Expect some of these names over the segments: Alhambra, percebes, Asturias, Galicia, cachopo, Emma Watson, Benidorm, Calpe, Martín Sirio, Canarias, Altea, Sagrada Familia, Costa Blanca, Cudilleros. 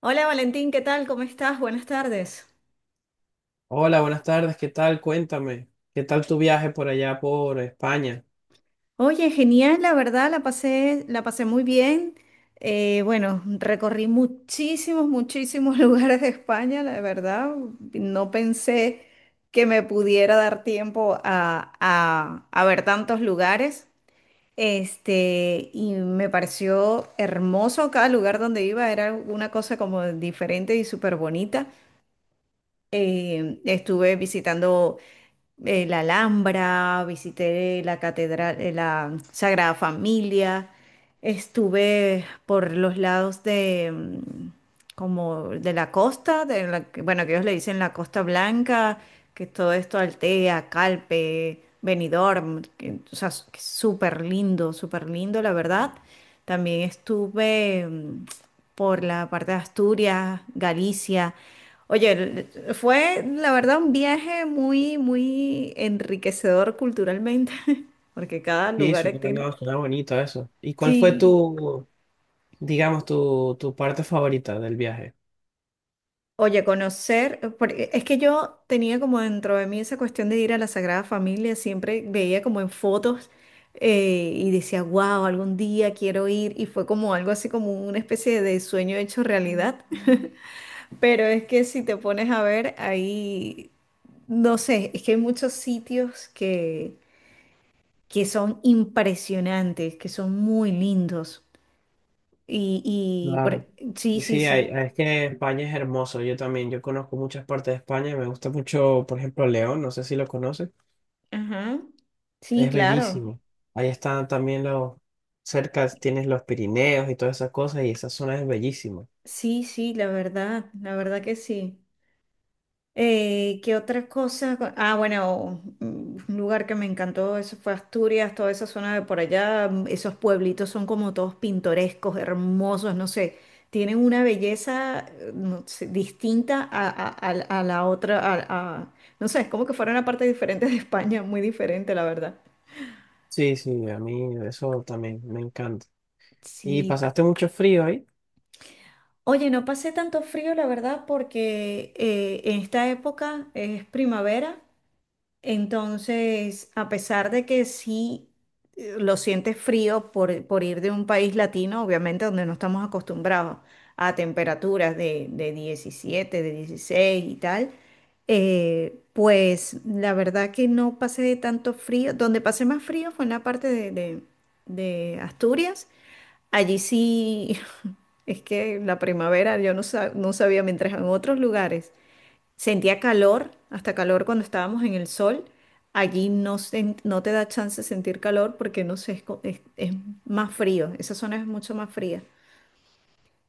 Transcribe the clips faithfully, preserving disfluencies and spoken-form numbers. Hola Valentín, ¿qué tal? ¿Cómo estás? Buenas tardes. Hola, buenas tardes, ¿qué tal? Cuéntame, ¿qué tal tu viaje por allá por España? Oye, genial, la verdad, la pasé, la pasé muy bien. Eh, bueno, recorrí muchísimos, muchísimos lugares de España, la verdad. No pensé que me pudiera dar tiempo a, a- a ver tantos lugares. Este, y me pareció hermoso cada lugar donde iba, era una cosa como diferente y súper bonita. Eh, estuve visitando eh, la Alhambra, visité la catedral, eh, la Sagrada Familia, estuve por los lados de mm, como de la costa, de la que- bueno, que ellos le dicen la Costa Blanca, que es todo esto Altea, Calpe, Benidorm, que, o sea, s- que es súper lindo, súper lindo, la verdad. También estuve mm, por la parte de Asturias, Galicia. Oye, el- fue la verdad un viaje muy, muy enriquecedor culturalmente, porque cada Sí, lugar suena, tiene... no, suena bonito eso. ¿Y cuál fue Sí. tu, digamos, tu, tu parte favorita del viaje? Oye, conocer, porque es que yo tenía como dentro de mí esa cuestión de ir a la Sagrada Familia, siempre veía como en fotos eh, y decía, wow, algún día quiero ir, y fue como algo así como una especie de sueño hecho realidad. Pero es que si te pones a ver ahí, no sé, es que hay muchos sitios que que son impresionantes, que son muy lindos. Y, y Claro. por- sí, sí, Sí, hay- sí. es que España es hermoso, yo también, yo conozco muchas partes de España, me gusta mucho, por ejemplo, León, no sé si lo conoces, Ajá. Sí, es claro. bellísimo. Ahí están también los, cerca tienes los Pirineos y todas esas cosas, y esa zona es bellísima. Sí, sí, la verdad, la verdad que sí. Eh, ¿qué otra cosa? Ah, bueno, mm, un lugar que me encantó, eso fue Asturias, toda esa zona de por allá, mm, esos pueblitos son como todos pintorescos, hermosos, no sé, tienen una belleza, eh, no sé, distinta a, a- a- a la otra, a, a- no sé, es como que fuera una parte diferente de España, muy diferente, la verdad. Sí, sí, a mí eso también me encanta. ¿Y Sí. pasaste mucho frío ahí? Oye, no pasé tanto frío, la verdad, porque eh, en esta época es primavera. Entonces, a pesar de que sí eh, lo sientes frío por, por ir de un país latino, obviamente donde no estamos acostumbrados a temperaturas de, de diecisiete, de dieciséis y tal, eh, pues la verdad que no pasé de tanto frío. Donde pasé más frío fue en la parte de, de- de Asturias. Allí sí, es que la primavera yo no, sa- no sabía, mientras en otros lugares sentía calor, hasta calor cuando estábamos en el sol. Allí no, sen- no te da chance de sentir calor porque no sé, es, co- es- es más frío. Esa zona es mucho más fría.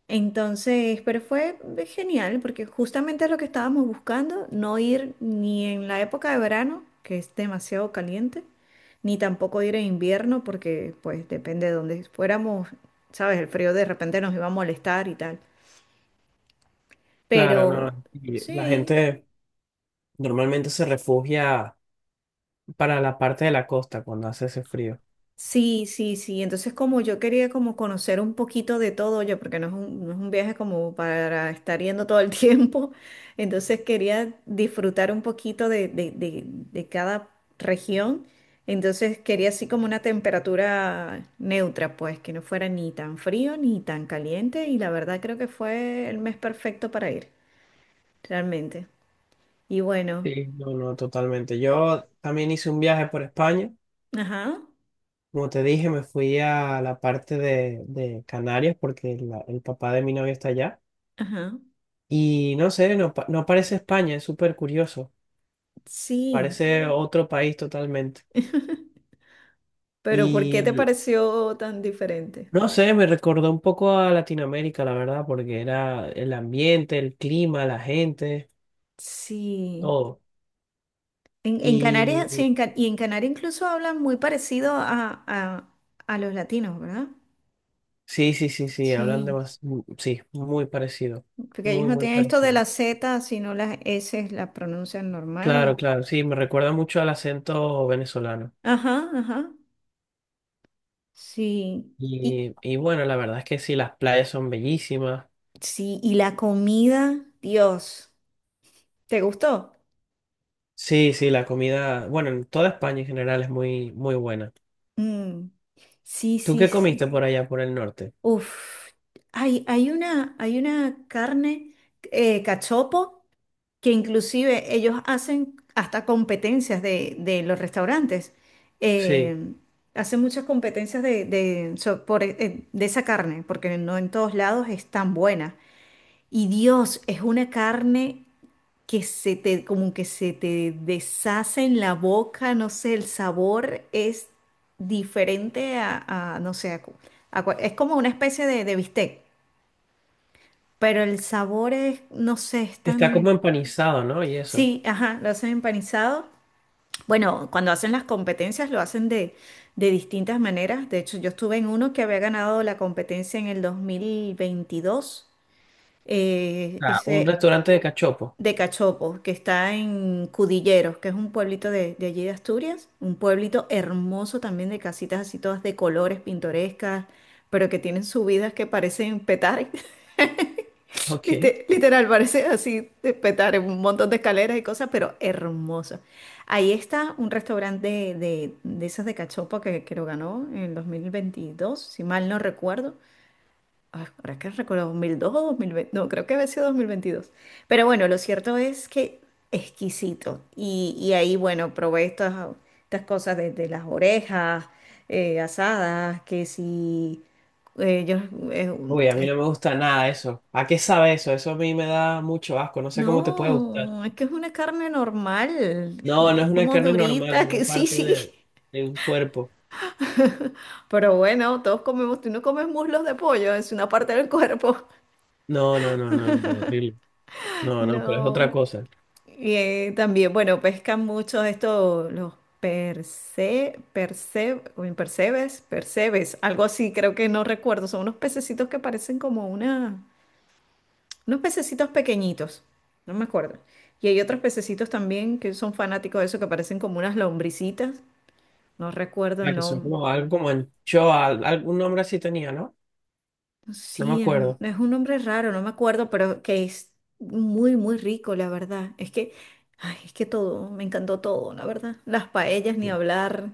Entonces, pero fue genial porque justamente es lo que estábamos buscando, no ir ni en la época de verano, que es demasiado caliente, ni tampoco ir en invierno porque pues depende de dónde fuéramos, sabes, el frío de repente nos iba a molestar y tal. Claro, no. Pero No, y la sí. gente normalmente se refugia para la parte de la costa cuando hace ese frío. Sí, sí, sí. Entonces como yo quería como conocer un poquito de todo, yo, porque no es un, no es un viaje como para estar yendo todo el tiempo, entonces quería disfrutar un poquito de, de, de, de cada región, entonces quería así como una temperatura neutra, pues que no fuera ni tan frío ni tan caliente y la verdad creo que fue el mes perfecto para ir, realmente. Y bueno, Sí, no, no, totalmente. Yo también hice un viaje por España. ajá, Como te dije, me fui a la parte de, de Canarias porque la- el papá de mi novia está allá. ajá, Y no sé, no, pa- no parece España, es súper curioso. sí, Parece otro país totalmente. pero ¿por qué te Y pareció tan diferente? no sé, me recordó un poco a Latinoamérica, la verdad, porque era el ambiente, el clima, la gente, Sí, todo. en, en Canarias, sí, Y en Ca- y en Canarias incluso hablan muy parecido a, a- a los latinos, ¿verdad? sí, sí, sí, sí, hablan de Sí, más, mm, sí, muy parecido, porque ellos muy, no muy tienen esto de parecido. la Z, sino las S las pronuncian Claro, normal. claro, sí, me recuerda mucho al acento venezolano. Ajá, ajá, sí. Y Y, y bueno, la verdad es que sí, las playas son bellísimas. sí, y la comida, Dios, ¿te gustó? Sí, sí, la comida, bueno, en toda España en general es muy, muy buena. Mm. Sí, ¿Tú sí, qué comiste sí. por allá, por el norte? Uf, hay, hay una, hay una carne, eh, cachopo, que inclusive ellos hacen hasta competencias de, de los restaurantes. Sí, eh, hacen muchas competencias de, de, so- por, eh, de esa carne, porque no en todos lados es tan buena. Y Dios, es una carne que se te, como que se te deshace en la boca, no sé, el sabor es diferente a, a, no sé, a cu- a cua- es como una especie de, de bistec, pero el sabor es, no sé, es está como tan... empanizado, ¿no? Y eso. Sí, ajá, lo hacen empanizado. Bueno, cuando hacen las competencias lo hacen de, de distintas maneras. De hecho, yo estuve en uno que había ganado la competencia en el dos mil veintidós, eh, Ah, un ese restaurante de cachopo. de Cachopo, que está en Cudilleros, que es un pueblito de, de allí de Asturias, un pueblito hermoso también de casitas así todas de colores pintorescas, pero que tienen subidas que parecen petar. Ok. Lite- Literal, parece así de petar en un montón de escaleras y cosas, pero hermosa. Ahí está un restaurante de, de, de esas de cachopa que, que lo ganó en dos mil veintidós si mal no recuerdo. Ay, ahora es que recuerdo, dos mil dos o dos mil veinte, no, creo que había sido dos mil veintidós. Pero bueno, lo cierto es que exquisito. Y, y ahí, bueno, probé estas, estas cosas de de las orejas eh, asadas, que si... Ellos... Uy, a mí no me gusta nada eso. ¿A qué sabe eso? Eso a mí me da mucho asco. No sé cómo te puede gustar. No, es que es una carne normal, No, no es una como carne normal, es durita, que una sí, parte sí. de, de un cuerpo. Pero bueno, todos comemos, tú no comes muslos de pollo, es una parte del cuerpo. No, no, no, no, no, horrible. No, no, pero es otra No. cosa. Y eh, también, bueno, pescan mucho esto, los perce, perce, uy, percebes, percebes, algo así, creo que no recuerdo. Son unos pececitos que parecen como una, unos pececitos pequeñitos, no me acuerdo. Y hay otros pececitos también que son fanáticos de eso, que parecen como unas lombricitas. No recuerdo La el que son nombre. como algo como anchoa, al- algún nombre así tenía, ¿no? No me Sí, es un, acuerdo. es un nombre raro, no me acuerdo, pero que es muy, muy rico, la verdad. Es que, ay, es que todo, me encantó todo, la verdad. Las paellas, ni hablar,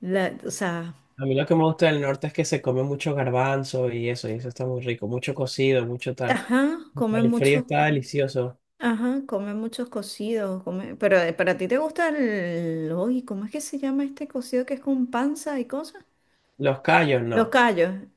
la, o sea, A mí lo que me gusta del norte es que se come mucho garbanzo y eso, y eso está muy rico, mucho cocido, mucho tal. ajá, Para comen el frío muchos, está delicioso. ajá, comen muchos cocidos, come- pero eh, para ti te gusta el, uy, ¿cómo es que se llama este cocido que es con panza y cosas? Los callos, Los no. callos.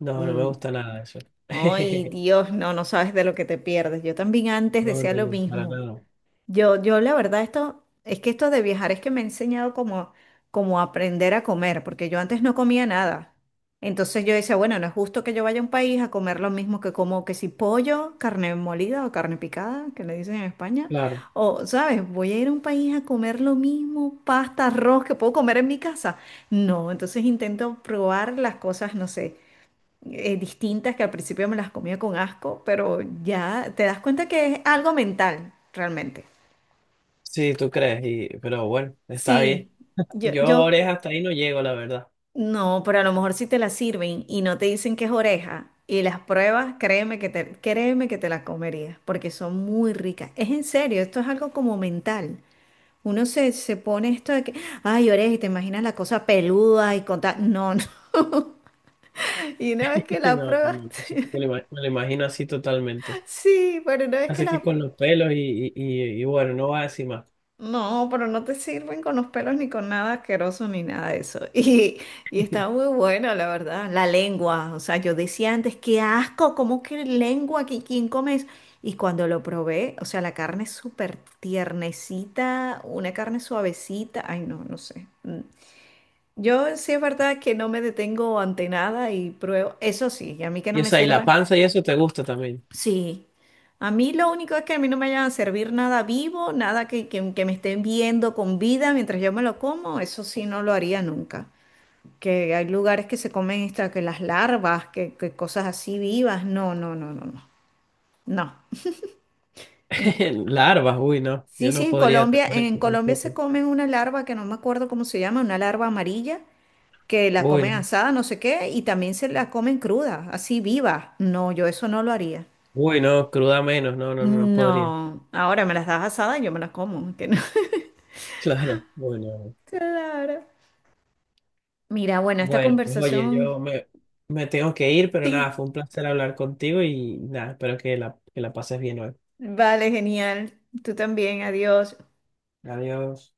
No, no me Mm. gusta nada de eso. Ay, Dios, no, no sabes de lo que te pierdes. Yo también antes No, decía no, lo no, para mismo. nada. Yo, yo la verdad esto, es que esto de viajar es que me ha enseñado como, como aprender a comer, porque yo antes no comía nada. Entonces yo decía, bueno, no es justo que yo vaya a un país a comer lo mismo que como que si pollo, carne molida o carne picada, que le dicen en España, Claro. o, ¿sabes? Voy a ir a un país a comer lo mismo, pasta, arroz que puedo comer en mi casa. No, entonces intento probar las cosas, no sé, eh, distintas que al principio me las comía con asco, pero ya te das cuenta que es algo mental, realmente. Sí, tú crees, y, pero bueno, está bien. Sí, yo, Yo yo oreja hasta ahí no llego, la verdad. no, pero a lo mejor si te la sirven y no te dicen que es oreja y las pruebas, créeme que te, créeme que te las comerías porque son muy ricas. Es en serio, esto es algo como mental. Uno se, se pone esto de que, ay, oreja, y te imaginas la cosa peluda y con tal. No, no. Y una vez que No, la no, pruebas... no, ese lo ima- me lo imagino así totalmente. Sí, pero una vez que Así la... que con los pelos y, y, y, y bueno, no va a decir más. No, pero no te sirven con los pelos ni con nada asqueroso ni nada de eso. Y, y está muy bueno, la verdad. La lengua, o sea, yo decía antes, qué asco, ¿cómo que lengua? ¿Qui- ¿Quién come eso? Y cuando lo probé, o sea, la carne es súper tiernecita, una carne suavecita. Ay, no, no sé. Mm. Yo sí es verdad que no me detengo ante nada y pruebo. Eso sí, y a mí que no Y o me sea, y la sirvan. panza y eso te gusta también. Sí, a mí lo único es que a mí no me vayan a servir nada vivo, nada que, que- que me estén viendo con vida mientras yo me lo como, eso sí no lo haría nunca. Que hay lugares que se comen esta, que las larvas, que, que cosas así vivas, no, no, no, no, no, no. En Co- Larvas, uy, no. sí, Yo sí, no en podría Colombia, con en eso Colombia se tampoco. comen una larva que no me acuerdo cómo se llama, una larva amarilla, que la Uy, comen no. asada, no sé qué, y también se la comen cruda, así viva. No, yo eso no lo haría. Uy, no, cruda menos. No, no, no, no podría. No, ahora me las das asadas y yo me las como. Que no. Claro, bueno. Claro. Mira, bueno, esta Bueno, pues oye, conversación, yo me, me tengo que ir, pero nada, sí, fue un placer hablar contigo y nada, espero que la, que la pases bien hoy. vale, genial. Tú también, adiós. Adiós.